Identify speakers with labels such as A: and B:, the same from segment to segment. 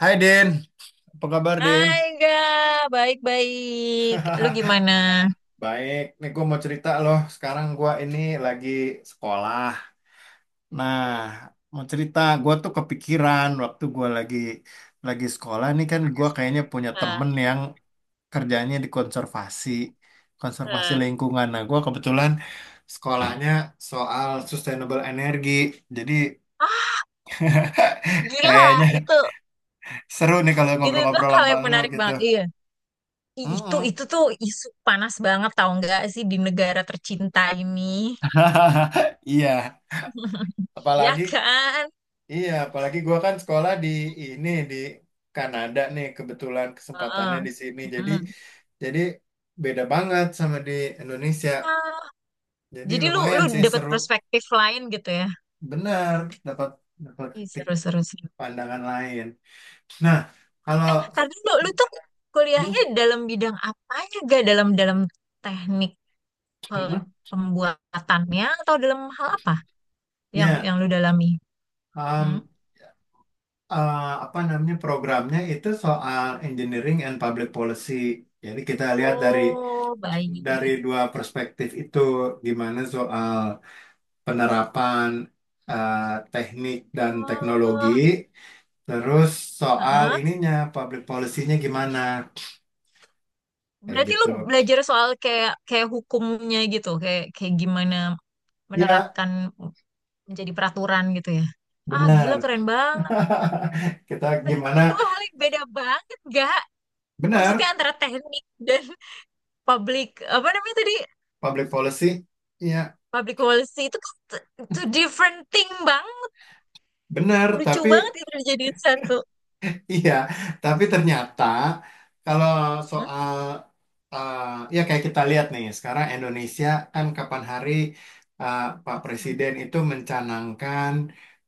A: Hai Din, apa kabar Din?
B: Hai, enggak, baik-baik. Lu gimana?
A: Baik, nih gue mau cerita loh. Sekarang gue ini lagi sekolah. Nah,
B: Hmm.
A: mau cerita, gue tuh kepikiran waktu gue lagi sekolah nih kan gue kayaknya punya
B: Nah,
A: temen yang kerjanya di konservasi
B: nah.
A: lingkungan. Nah, gue kebetulan sekolahnya soal sustainable energi, jadi
B: Ah, gila,
A: kayaknya
B: itu
A: seru nih kalau
B: itu
A: ngobrol-ngobrol
B: hal
A: sama
B: yang
A: lu
B: menarik
A: gitu.
B: banget. Iya. I- Itu
A: Mm-mm.
B: itu tuh isu panas banget, tau nggak sih, di negara tercinta ini.
A: Iya.
B: Ya,
A: Apalagi
B: kan?
A: Iya, Apalagi gua kan sekolah di di Kanada nih kebetulan kesempatannya
B: Heeh.
A: di sini.
B: Heeh.
A: Jadi beda banget sama di Indonesia.
B: Ah,
A: Jadi
B: jadi lu
A: lumayan
B: lu
A: sih
B: dapat
A: seru,
B: perspektif lain gitu ya.
A: benar. Dapat dapat
B: Ih,
A: titik
B: seru, seru, seru.
A: pandangan lain. Nah, kalau
B: Tadi lu lu tuh
A: hmm,
B: kuliahnya dalam bidang apanya, gak, dalam dalam teknik, pe-
A: hmm,
B: pembuatannya, atau dalam hal apa yang
A: ya
B: yang lu dalami? Hmm?
A: um, uh, apa namanya programnya itu soal engineering and public policy. Jadi kita lihat dari
B: Oh, baik.
A: dua perspektif itu gimana soal penerapan teknik dan teknologi,
B: Oh,
A: terus soal
B: heeh.
A: ininya, public policy-nya gimana, kayak
B: Berarti lu
A: gitu.
B: belajar soal kayak kayak hukumnya gitu, kayak kayak gimana
A: Ya,
B: menerapkan menjadi peraturan gitu ya. Ah,
A: benar.
B: gila, keren banget.
A: Kita
B: Itu kan
A: gimana?
B: dua hal yang beda banget, gak? Maksudnya
A: Benar,
B: antara teknik dan public, apa namanya tadi?
A: public policy. Ya,
B: Public policy itu kan two different thing, Bang.
A: benar,
B: Lucu banget itu dijadiin satu.
A: Iya, tapi ternyata kalau
B: Hmm?
A: soal eh, ya kayak kita lihat nih sekarang Indonesia kan kapan hari, Pak Presiden itu mencanangkan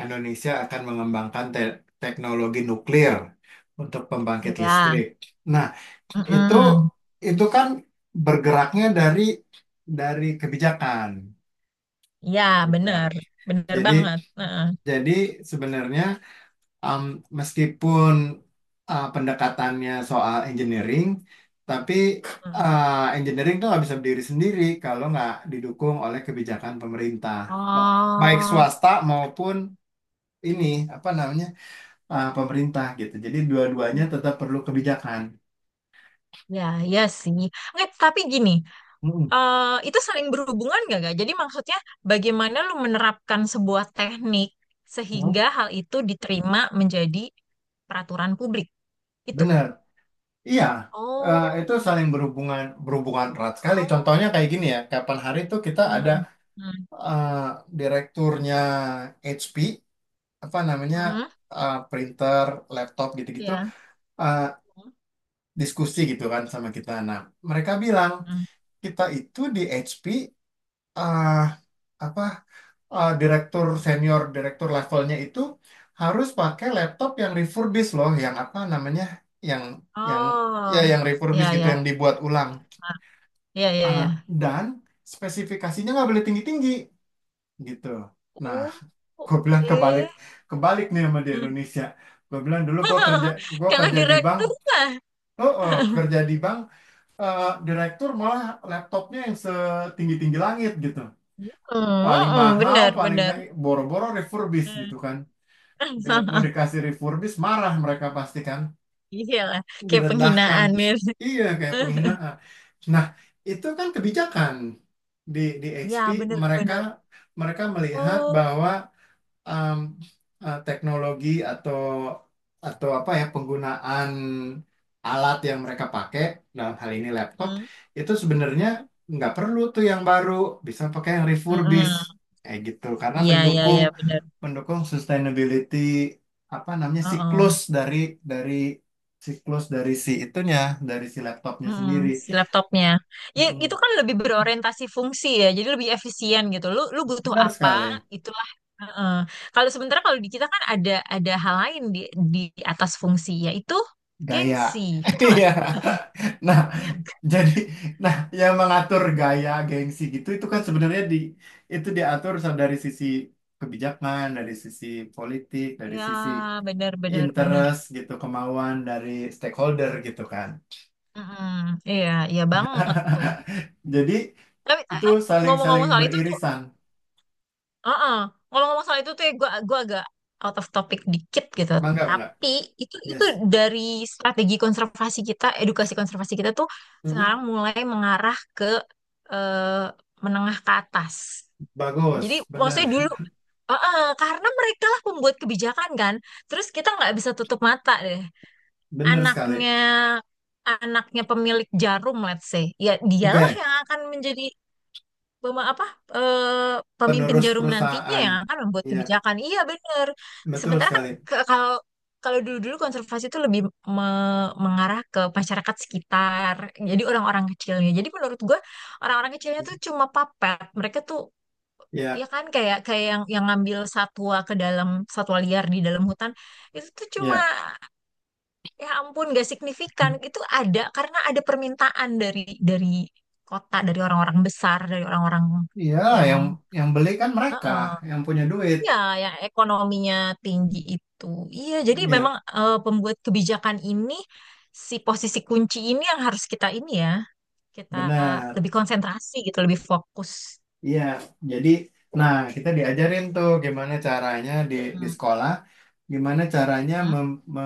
A: Indonesia akan mengembangkan teknologi nuklir untuk pembangkit
B: Ya.
A: listrik. Nah, itu
B: Mm-mm.
A: itu kan bergeraknya dari kebijakan
B: Ya,
A: gitu.
B: bener. Bener
A: Jadi
B: banget. Heeh.
A: jadi sebenarnya Um, meskipun pendekatannya soal engineering, tapi
B: Mm.
A: engineering itu nggak bisa berdiri sendiri kalau nggak didukung oleh kebijakan pemerintah, Mau- baik
B: Oh,
A: swasta maupun ini apa namanya pemerintah gitu. Jadi dua-duanya tetap perlu kebijakan.
B: ya, ya sih. Nggak, tapi gini,
A: Mm,
B: eh, itu saling berhubungan nggak, gak? Jadi maksudnya, bagaimana lu menerapkan sebuah teknik
A: mm.
B: sehingga hal itu diterima menjadi peraturan publik? Itu.
A: Bener, iya.
B: Oh,
A: Itu saling berhubungan berhubungan erat sekali.
B: oh,
A: Contohnya kayak gini ya, kapan hari itu kita ada
B: hmm, hmm,
A: uh, direkturnya HP, apa namanya,
B: mm,
A: printer, laptop gitu-gitu,
B: ya.
A: eh, diskusi gitu kan sama kita. Nah, mereka bilang
B: Mm.
A: kita itu di HP, eh, apa, direktur senior, direktur levelnya itu harus pakai laptop yang refurbished loh, yang apa namanya, yang yang
B: Oh,
A: yang refurbished
B: ya,
A: gitu,
B: ya.
A: yang dibuat ulang.
B: Ah, ya, ya,
A: Eh,
B: ya.
A: dan spesifikasinya nggak boleh tinggi-tinggi gitu. Nah,
B: Oh,
A: gue bilang kebalik
B: oke.
A: kebalik nih sama di Indonesia. Gue bilang dulu gue
B: Kalau
A: kerja di bank.
B: direktur mah.
A: Oh, oh, kerja di bank, direktur malah laptopnya yang setinggi-tinggi langit gitu.
B: Hmm,
A: Paling
B: hmm,
A: mahal,
B: benar,
A: paling
B: benar.
A: canggih, boro-boro refurbish gitu kan. Dengan- Mau dikasih refurbish, marah mereka pasti kan.
B: Iya lah, kayak
A: Direndahkan.
B: penghinaan, mir.
A: Iya, kayak penghinaan. Nah, itu kan kebijakan di
B: Iya,
A: HP. Mereka
B: benar-benar.
A: Mereka melihat
B: Oh,
A: bahwa em, teknologi atau apa ya, penggunaan alat yang mereka pakai dalam hal ini laptop
B: hmm,
A: itu sebenarnya nggak perlu tuh yang baru, bisa pakai yang refurbished
B: mm-mm.
A: kayak gitu karena
B: Iya, iya,
A: mendukung
B: iya, benar.
A: mendukung sustainability, apa namanya,
B: Oh,
A: siklus dari siklus dari si itunya, dari si laptopnya sendiri.
B: si laptopnya. Ya, itu
A: Mm,
B: kan lebih berorientasi fungsi ya, jadi lebih efisien gitu. Lu butuh
A: benar
B: apa,
A: sekali,
B: itulah. Heeh. Kalau sementara kalau di kita kan ada hal lain di atas fungsi, yaitu
A: gaya.
B: gengsi, betul nggak?
A: Iya. Nah,
B: Iya.
A: jadi, nah, yang mengatur gaya gengsi gitu itu kan sebenarnya di itu diatur dari sisi kebijakan, dari sisi politik, dari
B: Iya,
A: sisi
B: benar, benar, benar.
A: interest gitu, kemauan dari stakeholder gitu kan.
B: Mm-mm. Iya, iya banget tuh.
A: Jadi
B: Tapi
A: itu saling-saling
B: ngomong-ngomong soal itu tuh,
A: beririsan.
B: uh ngomong-ngomong soal itu tuh, ya, gua agak out of topic dikit gitu.
A: Mangga, mangga.
B: Tapi itu
A: Yes.
B: dari strategi konservasi kita, edukasi konservasi kita tuh
A: Mm-mm.
B: sekarang mulai mengarah ke eh, menengah ke atas. Jadi
A: Bagus, benar.
B: maksudnya dulu, uh-uh, karena mereka lah pembuat kebijakan kan. Terus kita nggak bisa tutup mata deh.
A: Benar sekali.
B: Anaknya anaknya pemilik jarum, let's say, ya, dialah
A: Oke,
B: yang akan menjadi pema- apa eh, pemimpin
A: penerus
B: jarum nantinya,
A: perusahaan.
B: yang akan membuat
A: Ya,
B: kebijakan. Iya, benar.
A: betul
B: Sementara kan
A: sekali.
B: kalau kalau dulu-dulu konservasi itu lebih mengarah ke masyarakat sekitar, jadi orang-orang kecilnya. Jadi menurut gue, orang-orang kecilnya tuh cuma papet, mereka tuh, ya
A: Ya,
B: kan, kayak kayak yang ngambil satwa ke dalam, satwa liar di dalam hutan, itu tuh cuma,
A: ya,
B: ya ampun, gak signifikan. Itu ada karena ada permintaan dari kota, dari orang-orang besar, dari orang-orang
A: ya,
B: yang
A: yang yang beli kan mereka,
B: Heeh.
A: yang punya duit.
B: Ya, yang ekonominya tinggi itu. Iya, jadi
A: Ya.
B: memang pembuat kebijakan ini, si posisi kunci ini, yang harus kita ini ya, kita
A: Benar.
B: lebih konsentrasi gitu, lebih fokus.
A: Iya, jadi, nah, kita diajarin tuh gimana caranya di
B: Hmm,
A: sekolah, gimana caranya
B: hmm,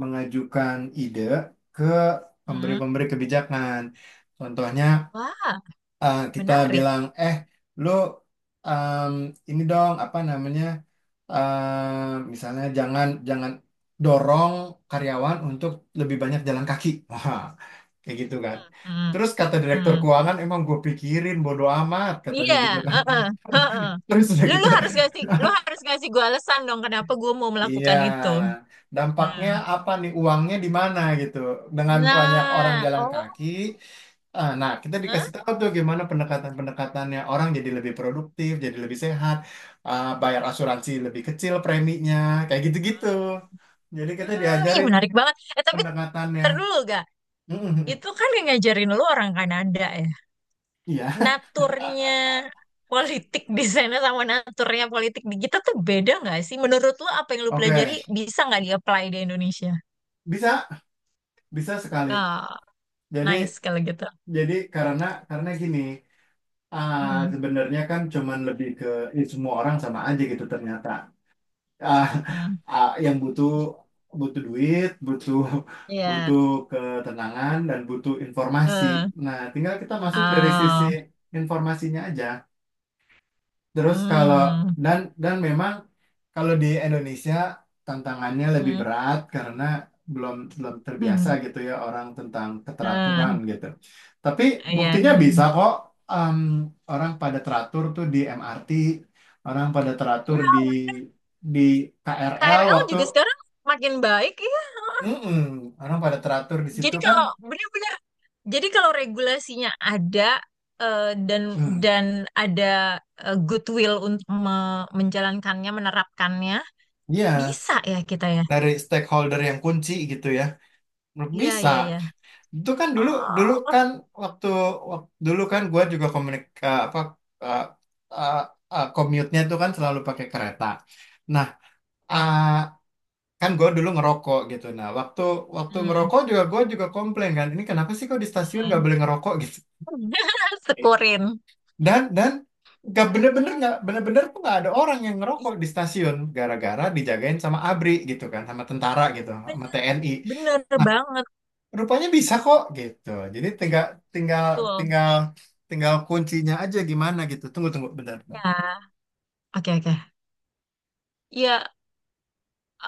A: mengajukan ide ke
B: hmm.
A: pemberi-pemberi kebijakan. Contohnya,
B: Wah,
A: kita
B: menarik.
A: bilang, "Eh, lu, em, ini dong apa namanya? Misalnya jangan jangan dorong karyawan untuk lebih banyak jalan kaki." Kayak gitu kan.
B: Hmm,
A: Terus kata direktur
B: hmm.
A: keuangan, emang gue pikirin, bodo amat, katanya
B: Iya,
A: gitu kan.
B: heeh, heeh.
A: Terus udah
B: Lu
A: gitu,
B: lu harus ngasih gua alasan dong, kenapa gua mau
A: iya,
B: melakukan itu. Hmm.
A: dampaknya apa nih, uangnya di mana gitu. Dengan banyak orang
B: Nah,
A: jalan
B: oh.
A: kaki, ah, nah, kita
B: Hah?
A: dikasih tahu tuh gimana pendekatan-pendekatannya. Orang jadi lebih produktif, jadi lebih sehat, bayar asuransi lebih kecil preminya, kayak gitu-gitu. Jadi kita
B: Hmm, ih,
A: diajarin
B: menarik banget. Eh, tapi
A: pendekatannya.
B: ntar dulu, gak? Itu kan yang ngajarin lu orang Kanada ya.
A: Iya,
B: Naturnya politik di sana sama naturnya politik di kita tuh beda nggak sih? Menurut lu, apa yang lu pelajari
A: oke.
B: bisa nggak di-apply di Indonesia?
A: Bisa, bisa sekali.
B: Ah,
A: Jadi
B: nice kalau gitu.
A: jadi karena gini, ah,
B: Hmm,
A: sebenarnya kan cuman lebih ke, "Ih, semua orang sama aja gitu ternyata. Ah,
B: hmm.
A: yang butuh, duit, butuh,
B: Iya.
A: butuh ketenangan, dan butuh informasi.
B: eh.
A: Nah, tinggal kita masuk dari sisi
B: Oh.
A: informasinya aja. Terus kalau,
B: Hmm.
A: dan memang kalau di Indonesia tantangannya lebih
B: Hmm.
A: berat karena belum belum terbiasa
B: Hmm.
A: gitu ya orang tentang
B: Ah,
A: keteraturan gitu. Tapi
B: iya, iya,
A: buktinya bisa
B: iya.
A: kok, em, orang pada teratur tuh di MRT, orang pada teratur
B: Ya,
A: di KRL
B: KRL
A: waktu.
B: juga sekarang makin baik ya.
A: Mm-mm, orang pada teratur di situ
B: Jadi
A: kan.
B: kalau benar-benar, jadi kalau regulasinya ada, eh, dan
A: Hmm,
B: dan ada goodwill untuk menjalankannya, menerapkannya,
A: iya,
B: bisa ya kita ya.
A: dari stakeholder yang kunci gitu ya.
B: Iya,
A: Bisa.
B: iya, iya.
A: Itu kan dulu dulu
B: Oh,
A: kan waktu, dulu kan gue juga komunik eh, apa eh, eh, eh, commute-nya tuh kan selalu pakai kereta. Nah,
B: ah,
A: ah, kan gue dulu ngerokok gitu. Nah, waktu waktu
B: hmm,
A: ngerokok juga gue juga komplain kan, ini kenapa sih kok di stasiun nggak
B: hmm.
A: boleh ngerokok gitu?
B: Sekurin.
A: Dan nggak bener-bener tuh nggak ada orang yang
B: Iya,
A: ngerokok di stasiun gara-gara dijagain sama ABRI gitu kan, sama tentara gitu, sama
B: bener,
A: TNI.
B: bener banget
A: Rupanya bisa kok gitu. Jadi tinggal tinggal
B: tuh.
A: tinggal tinggal kuncinya aja gimana gitu. Tunggu Tunggu bentar.
B: Ya, oke, oke. Iya,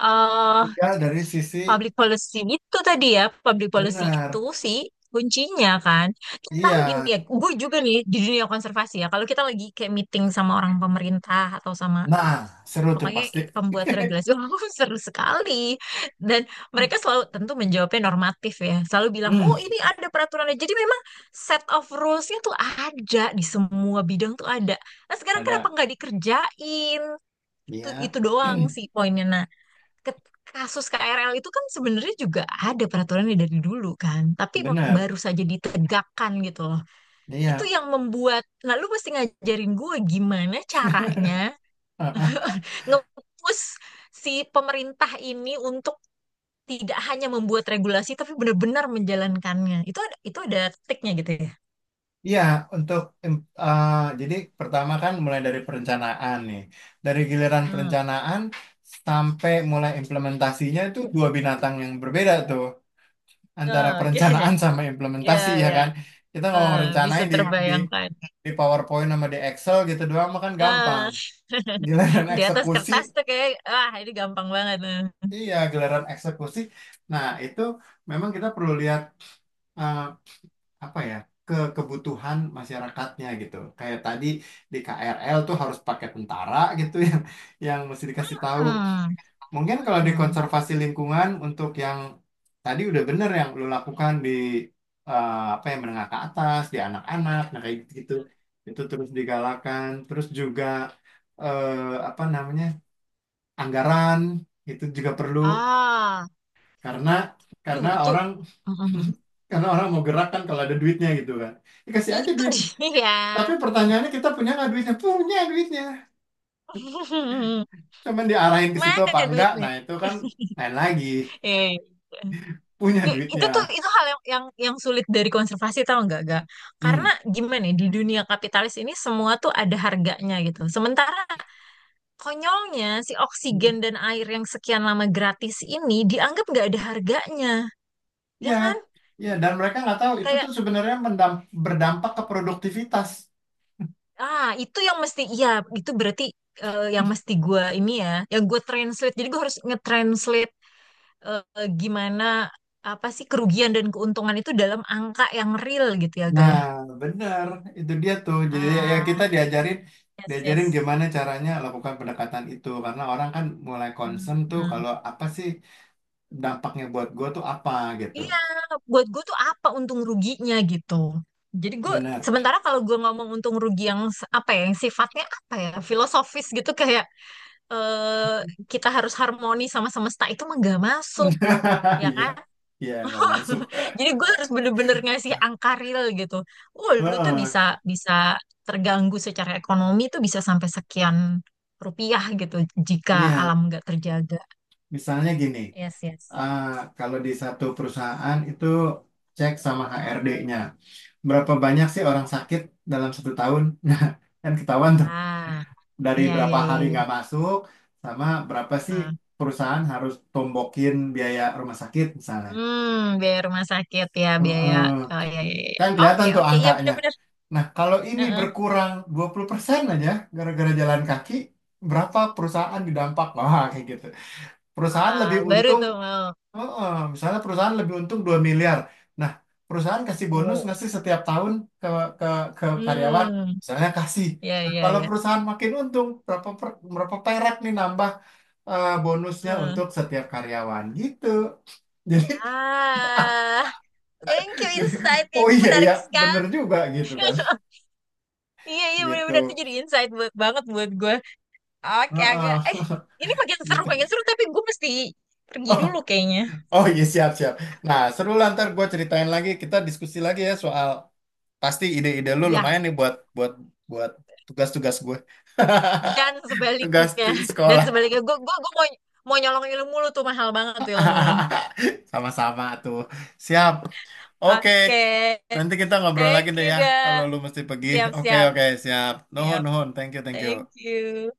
B: eh,
A: Tinggal dari sisi,
B: public policy itu tadi ya, public policy itu
A: benar.
B: sih kuncinya kan.
A: Iya.
B: Sekarang gini ya, gue juga nih di dunia konservasi ya, kalau kita lagi kayak meeting sama orang pemerintah atau sama
A: Nah, seru tuh
B: pokoknya
A: pasti.
B: pembuat regulasi, oh, seru sekali. Dan mereka selalu tentu menjawabnya normatif ya, selalu bilang,
A: Hmm,
B: oh ini ada peraturannya. Jadi memang set of rules-nya tuh ada, di semua bidang tuh ada. Nah, sekarang kenapa
A: ada.
B: nggak dikerjain? Itu,
A: Iya.
B: itu doang sih poinnya. Nah, ke- kasus KRL itu kan sebenarnya juga ada peraturannya dari dulu kan, tapi
A: Benar.
B: baru saja ditegakkan gitu loh. Itu
A: Iya.
B: yang membuat, nah, lu mesti ngajarin gue gimana caranya
A: Ah, ah.
B: nge-push si pemerintah ini untuk tidak hanya membuat regulasi tapi benar-benar menjalankannya. Itu ada triknya gitu ya.
A: Iya, untuk, ah, jadi pertama kan mulai dari perencanaan nih. Dari giliran
B: Hmm.
A: perencanaan sampai mulai implementasinya itu dua binatang yang berbeda tuh, antara
B: Ah, oke.
A: perencanaan sama implementasi
B: Ya,
A: ya
B: ya.
A: kan. Kita ngomong
B: Ah, bisa
A: rencanain di
B: terbayangkan.
A: di PowerPoint sama di Excel gitu doang mah kan gampang,
B: Ah.
A: giliran
B: Di atas
A: eksekusi,
B: kertas tuh kayak, ah, ini gampang banget.
A: iya, giliran eksekusi, nah itu memang kita perlu lihat, eh, apa ya, ke kebutuhan masyarakatnya gitu kayak tadi di KRL tuh harus pakai tentara gitu yang mesti dikasih tahu.
B: Hmm.
A: Mungkin kalau di
B: Hmm.
A: konservasi lingkungan untuk yang tadi udah bener yang lo lakukan di, apa, yang menengah ke atas, di anak-anak, nah kayak gitu, itu terus digalakan, terus juga apa namanya anggaran itu juga perlu,
B: Ah,
A: karena
B: duh, itu.
A: orang
B: Hmm.
A: karena orang mau gerak kan kalau ada duitnya gitu kan, dikasih aja
B: Itu
A: duit.
B: dia.
A: Tapi pertanyaannya, kita punya nggak duitnya? Punya duitnya, cuman diarahin ke situ apa
B: Mana
A: enggak?
B: duitnya?
A: Nah itu kan lain lagi,
B: Eh,
A: punya
B: itu tuh
A: duitnya.
B: itu hal yang yang sulit dari konservasi, tau nggak, gak?
A: Hmm.
B: Karena gimana ya, di dunia kapitalis ini semua tuh ada harganya gitu. Sementara konyolnya, si oksigen dan air yang sekian lama gratis ini dianggap nggak ada harganya, ya
A: Iya,
B: kan?
A: iya, dan mereka nggak tahu itu
B: Kayak
A: tuh sebenarnya berdampak ke produktivitas.
B: Ah, itu yang mesti, iya, itu berarti yang mesti gue ini ya, yang gue translate. Jadi gue harus nge-translate gimana, apa sih kerugian dan keuntungan itu dalam angka yang real gitu ya,
A: Nah,
B: Gaya.
A: benar, itu dia tuh. Jadi ya, ya, kita
B: Ah,
A: diajarin,
B: yes, yes.
A: gimana caranya lakukan pendekatan itu, karena orang kan mulai
B: Hmm,
A: concern tuh
B: hmm.
A: kalau apa sih dampaknya buat gue tuh apa gitu.
B: Iya, buat gue tuh apa untung ruginya gitu. Jadi gue,
A: Benar.
B: sementara kalau gue ngomong untung rugi yang apa ya, yang sifatnya apa ya, filosofis gitu, kayak eh kita harus harmoni sama semesta, itu mah gak masuk, ya
A: Iya,
B: kan?
A: iya nggak masuk.
B: Jadi gue harus bener-bener ngasih angka real gitu. Oh, lu tuh
A: Oh,
B: bisa bisa terganggu secara ekonomi tuh bisa sampai sekian rupiah gitu jika
A: iya,
B: alam nggak terjaga.
A: misalnya gini,
B: Yes, yes.
A: eh, kalau di satu perusahaan itu cek sama HRD-nya. Berapa banyak sih orang sakit dalam satu tahun? Nah, kan ketahuan tuh
B: Ah,
A: dari
B: iya, iya,
A: berapa
B: iya,
A: hari
B: iya.
A: nggak masuk, sama berapa sih
B: Ah.
A: perusahaan harus tombokin biaya rumah sakit misalnya.
B: Hmm, biaya rumah sakit ya,
A: Oh,
B: biaya. Oh, iya, iya, iya.
A: kan kelihatan
B: Oke,
A: tuh
B: oke, iya,
A: angkanya.
B: benar-benar.
A: Nah, kalau ini
B: Heeh.
A: berkurang 20% aja gara-gara jalan kaki, berapa perusahaan didampak? Wah, kayak gitu. Perusahaan
B: Ah,
A: lebih
B: baru
A: untung.
B: tuh mau.
A: Heeh, misalnya perusahaan lebih untung 2 miliar. Nah, perusahaan kasih bonus
B: Wow.
A: nggak sih setiap tahun ke ke ke karyawan?
B: Hmm,
A: Misalnya kasih.
B: iya,
A: Nah,
B: iya,
A: kalau
B: iya.
A: perusahaan makin untung, berapa, berapa perak nih, nambah bonusnya
B: Eh.
A: untuk setiap karyawan gitu. Jadi,
B: Ah, thank you,
A: jadi
B: insight-nya
A: oh
B: itu
A: iya ya,
B: menarik
A: bener
B: sekali.
A: juga gitu kan.
B: Iya, iya, benar-benar, itu
A: Gitu.
B: jadi insight buat banget buat gue. Oke Angga,
A: Heeh,
B: ini makin seru,
A: gitu.
B: makin seru, tapi gue mesti pergi dulu kayaknya.
A: Oh iya, siap-siap. Nah, seru lah, ntar gue ceritain lagi, kita diskusi lagi ya soal, pasti ide-ide lu
B: Iya,
A: lumayan nih, buat buat buat tugas-tugas gue.
B: dan
A: Tugas
B: sebaliknya,
A: di
B: dan
A: sekolah.
B: sebaliknya gue mau mau nyolong ilmu lu, tuh mahal banget tuh ilmu lu.
A: Sama-sama tuh. Siap. Oke.
B: Oke,
A: Nanti kita ngobrol lagi
B: thank
A: deh
B: you,
A: ya, kalau
B: ga.
A: lu mesti pergi.
B: Siap,
A: Oke,
B: siap,
A: oke, siap. Nuhun,
B: siap.
A: nuhun. Thank you, thank
B: Thank
A: you.
B: you.